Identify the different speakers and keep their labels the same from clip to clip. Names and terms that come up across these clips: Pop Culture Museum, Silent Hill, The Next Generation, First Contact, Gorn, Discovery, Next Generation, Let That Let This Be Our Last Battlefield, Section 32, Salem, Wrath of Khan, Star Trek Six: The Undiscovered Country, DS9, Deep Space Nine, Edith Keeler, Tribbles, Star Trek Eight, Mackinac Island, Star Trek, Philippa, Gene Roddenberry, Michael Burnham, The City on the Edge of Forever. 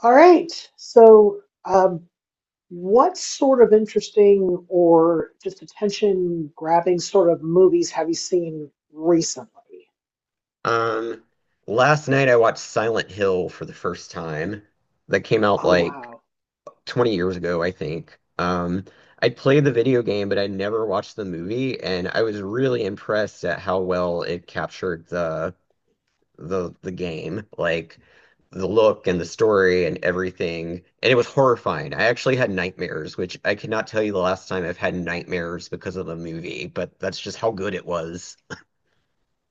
Speaker 1: All right. What sort of interesting or just attention grabbing sort of movies have you seen recently?
Speaker 2: Um, Last night I watched Silent Hill for the first time. That came out
Speaker 1: Oh,
Speaker 2: like
Speaker 1: wow.
Speaker 2: 20 years ago, I think. I played the video game, but I never watched the movie, and I was really impressed at how well it captured the game, like the look and the story and everything. And it was horrifying. I actually had nightmares, which I cannot tell you the last time I've had nightmares because of the movie, but that's just how good it was.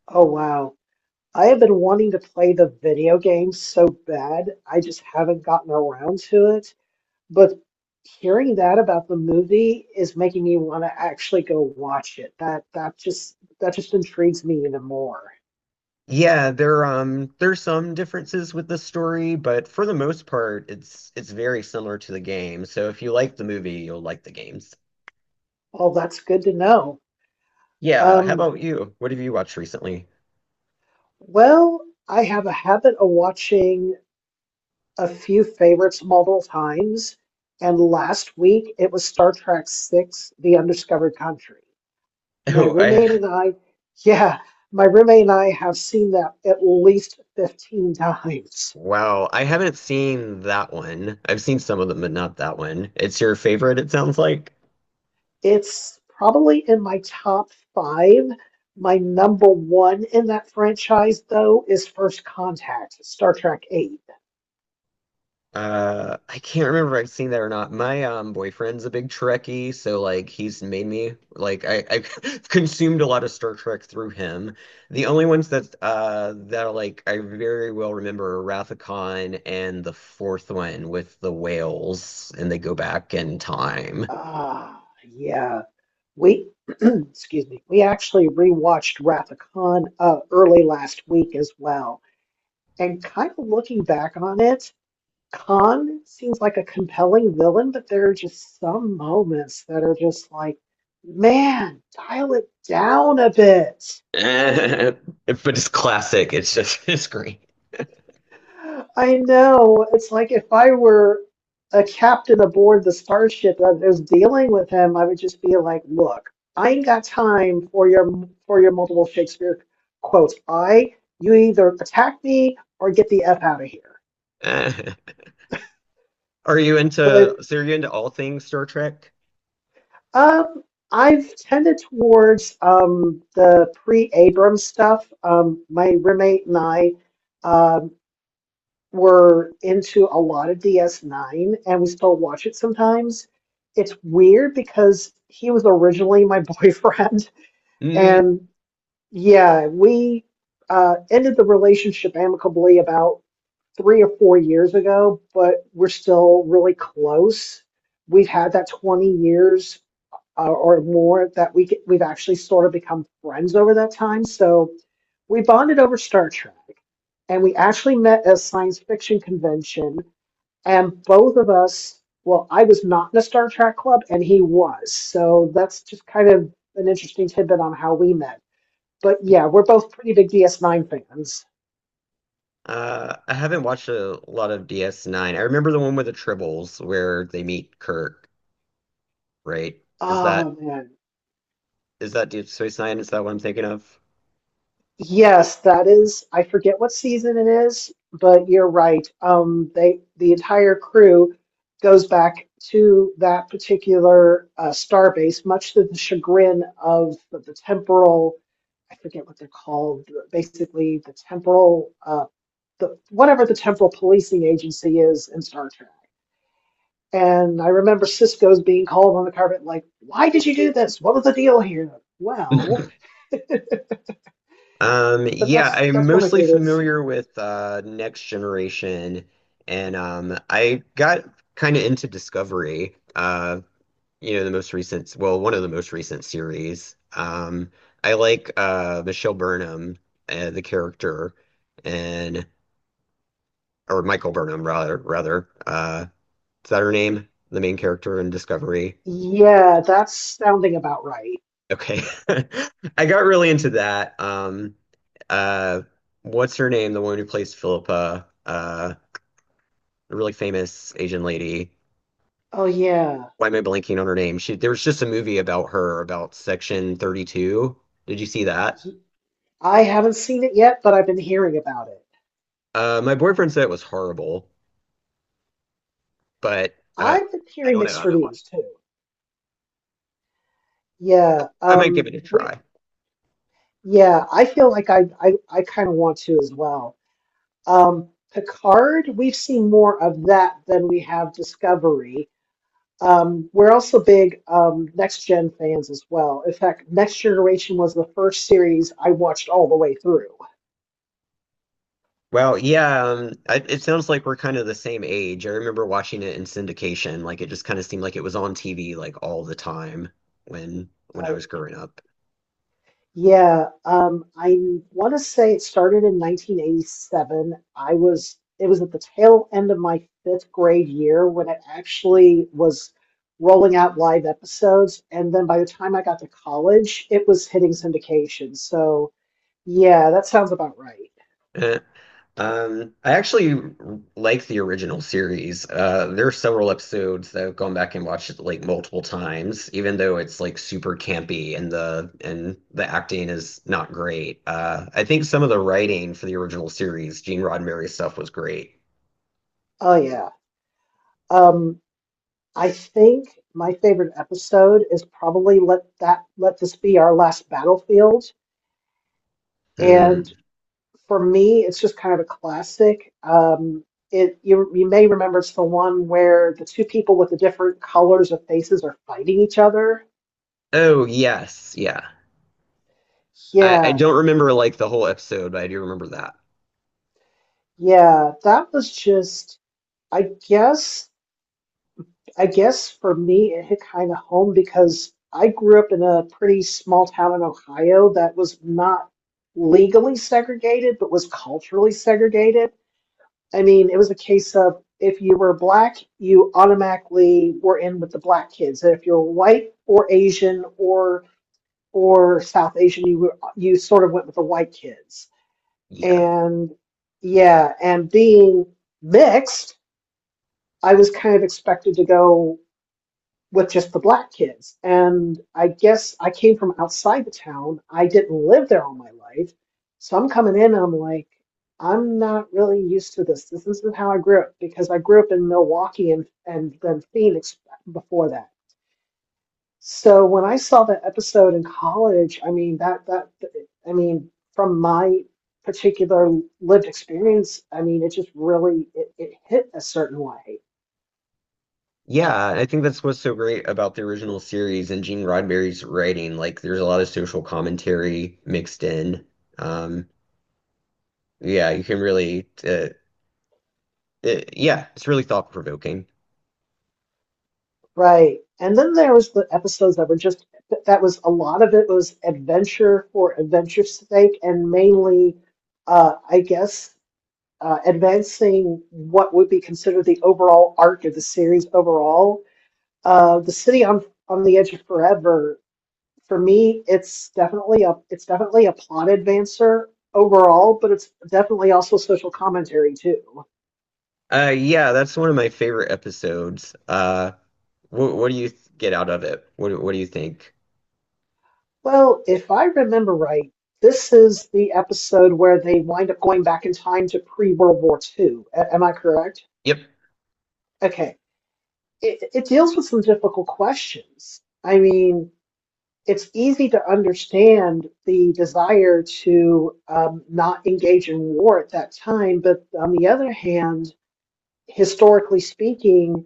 Speaker 1: Oh, wow. I have been wanting to play the video game so bad. I just haven't gotten around to it. But hearing that about the movie is making me want to actually go watch it. That just intrigues me even more.
Speaker 2: Yeah, there there's some differences with the story, but for the most part, it's very similar to the game. So if you like the movie, you'll like the games.
Speaker 1: Well, that's good to know.
Speaker 2: Yeah, how
Speaker 1: Um,
Speaker 2: about you? What have you watched recently?
Speaker 1: Well, I have a habit of watching a few favorites multiple times, and last week it was Star Trek Six: The Undiscovered Country. My
Speaker 2: Oh, I
Speaker 1: roommate and I, yeah, my roommate and I have seen that at least 15 times.
Speaker 2: wow, I haven't seen that one. I've seen some of them, but not that one. It's your favorite, it sounds like.
Speaker 1: It's probably in my top five. My number one in that franchise, though, is First Contact, Star Trek Eight.
Speaker 2: I can't remember if I've seen that or not. My boyfriend's a big Trekkie, so like he's made me like I've consumed a lot of Star Trek through him. The only ones that that like I very well remember are Wrath of Khan and the fourth one with the whales and they go back in time.
Speaker 1: Ah, yeah. We, excuse me, we actually rewatched Wrath of Khan early last week as well. And kind of looking back on it, Khan seems like a compelling villain, but there are just some moments that are just like, man, dial it down a bit.
Speaker 2: But it's classic. It's just it's great.
Speaker 1: I know. It's like if I were a captain aboard the starship that is dealing with him, I would just be like, "Look, I ain't got time for your multiple Shakespeare quotes. I you either attack me or get the f out of here."
Speaker 2: Are you
Speaker 1: But
Speaker 2: into are you into all things Star Trek?
Speaker 1: um, I've tended towards the pre-Abrams stuff. My roommate and I. um, were into a lot of DS9 and we still watch it sometimes. It's weird because he was originally my boyfriend and yeah, we ended the relationship amicably about 3 or 4 years ago, but we're still really close. We've had that 20 years or more that we get, we've actually sort of become friends over that time. So we bonded over Star Trek and we actually met at a science fiction convention and both of us, well, I was not in a Star Trek club and he was. So that's just kind of an interesting tidbit on how we met. But yeah, we're both pretty big DS9 fans.
Speaker 2: I haven't watched a lot of DS9. I remember the one with the Tribbles where they meet Kirk, right? Is that
Speaker 1: Oh man.
Speaker 2: is that Deep Space Nine? Is that what I'm thinking of?
Speaker 1: Yes, that is I forget what season it is, but you're right. They the entire crew goes back to that particular star much to the chagrin of the temporal I forget what they're called, basically the temporal the whatever the temporal policing agency is in Star Trek. And I remember Cisco's being called on the carpet, like, "Why did you do this? What was the deal here?" Well, but
Speaker 2: Yeah,
Speaker 1: that's
Speaker 2: I'm
Speaker 1: that's one of my
Speaker 2: mostly
Speaker 1: favorites.
Speaker 2: familiar with Next Generation and I got kind of into Discovery, you know, the most recent, well, one of the most recent series. I like Michelle Burnham, the character and or Michael Burnham rather. Is that her name? The main character in Discovery.
Speaker 1: Yeah, that's sounding about right.
Speaker 2: Okay. I got really into that. Uh, what's her name? The woman who plays Philippa, a really famous Asian lady.
Speaker 1: Oh yeah,
Speaker 2: Why am I blanking on her name? She, there was just a movie about her, about Section 32. Did you see that?
Speaker 1: He- I haven't seen it yet, but I've been hearing about it.
Speaker 2: My boyfriend said it was horrible, but I,
Speaker 1: I've been
Speaker 2: I
Speaker 1: hearing
Speaker 2: don't know. I
Speaker 1: mixed
Speaker 2: haven't watched
Speaker 1: reviews too.
Speaker 2: it.
Speaker 1: Yeah,
Speaker 2: I might give it
Speaker 1: um,
Speaker 2: a
Speaker 1: we,
Speaker 2: try.
Speaker 1: yeah, I feel like I kind of want to as well. Picard, we've seen more of that than we have Discovery. We're also big Next Gen fans as well. In fact, Next Generation was the first series I watched all the way through.
Speaker 2: Wow, yeah, I, it sounds like we're kind of the same age. I remember watching it in syndication. Like it just kind of seemed like it was on TV like all the time when I
Speaker 1: Uh,
Speaker 2: was growing up.
Speaker 1: yeah, I want to say it started in 1987. I was it was at the tail end of my fifth grade year when it actually was rolling out live episodes, and then by the time I got to college, it was hitting syndication. So. Yeah, that sounds about right.
Speaker 2: Eh. I actually like the original series. There are several episodes that I've gone back and watched it like multiple times, even though it's like super campy and the acting is not great. I think some of the writing for the original series, Gene Roddenberry stuff, was great.
Speaker 1: Oh yeah. Um, I think my favorite episode is probably Let This Be Our Last Battlefield.
Speaker 2: Hmm.
Speaker 1: And for me, it's just kind of a classic. It you may remember it's the one where the two people with the different colors of faces are fighting each other.
Speaker 2: Oh, yes, yeah. I
Speaker 1: Yeah,
Speaker 2: don't remember like the whole episode, but I do remember that.
Speaker 1: yeah, that was just I guess I guess for me, it hit kind of home because I grew up in a pretty small town in Ohio that was not legally segregated, but was culturally segregated. I mean, it was a case of if you were black, you automatically were in with the black kids, and if you were white or Asian or South Asian, you were, you sort of went with the white kids.
Speaker 2: Yeah.
Speaker 1: And yeah, and being mixed, I was kind of expected to go. With just the black kids. And I guess I came from outside the town. I didn't live there all my life. So I'm coming in and I'm like, I'm not really used to this. This isn't how I grew up because I grew up in Milwaukee and then Phoenix before that. So when I saw that episode in college, I mean that that I mean from my particular lived experience, I mean it just really it hit a certain way.
Speaker 2: Yeah, I think that's what's so great about the original series and Gene Roddenberry's writing. Like, there's a lot of social commentary mixed in. Um, yeah, you can really, yeah, it's really thought-provoking.
Speaker 1: Right. And then there was the episodes that were just that was a lot of it was adventure for adventure's sake and mainly I guess advancing what would be considered the overall arc of the series overall. The City on the Edge of Forever, for me, it's definitely a plot advancer overall, but it's definitely also social commentary too.
Speaker 2: Yeah, that's one of my favorite episodes. What do you get out of it? What what do you think?
Speaker 1: Well, if I remember right, this is the episode where they wind up going back in time to pre-World War II. A- am I correct?
Speaker 2: Yep.
Speaker 1: Okay. It deals with some difficult questions. I mean, it's easy to understand the desire to not engage in war at that time, but on the other hand, historically speaking,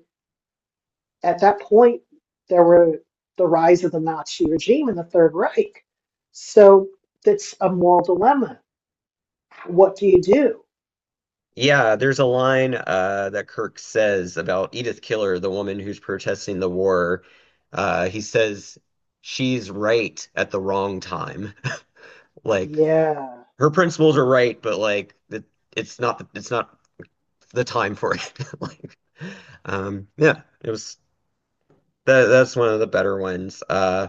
Speaker 1: at that point, there were the rise of the Nazi regime and the Third Reich. So that's a moral dilemma. What do you do?
Speaker 2: Yeah, there's a line that Kirk says about Edith Keeler, the woman who's protesting the war. He says she's right at the wrong time. Like
Speaker 1: Yeah.
Speaker 2: her principles are right, but it's not it's not the time for it. Like, yeah, it was that's one of the better ones.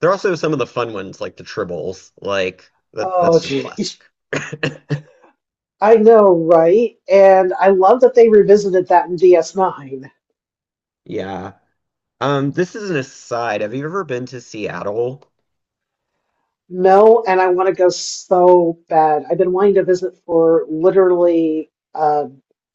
Speaker 2: There are also some of the fun ones like the tribbles. Like that
Speaker 1: Oh,
Speaker 2: that's just classic.
Speaker 1: geez. I know, right? And I love that they revisited that in DS9.
Speaker 2: Yeah. This is an aside. Have you ever been to Seattle?
Speaker 1: No, and I want to go so bad. I've been wanting to visit for literally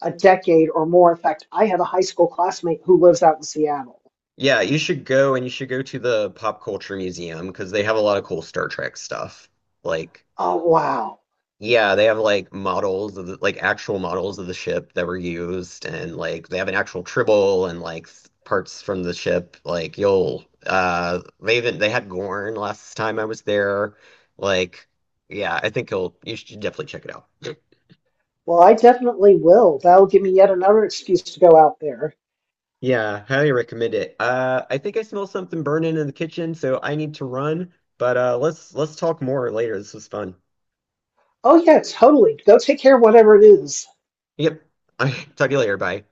Speaker 1: a decade or more. In fact, I have a high school classmate who lives out in Seattle.
Speaker 2: Yeah, you should go and you should go to the Pop Culture Museum because they have a lot of cool Star Trek stuff. Like,
Speaker 1: Oh, wow.
Speaker 2: yeah, they have like models of the, like actual models of the ship that were used, and like they have an actual Tribble and like parts from the ship. Like, you'll they even they had Gorn last time I was there. Like, yeah, I think you should definitely check it out.
Speaker 1: Well, I definitely will. That'll give me yet another excuse to go out there.
Speaker 2: Yeah, highly recommend it. I think I smell something burning in the kitchen, so I need to run. But let's talk more later. This was fun.
Speaker 1: Oh, yeah, totally. Go take care of whatever it is.
Speaker 2: Yep. Talk to you later. Bye.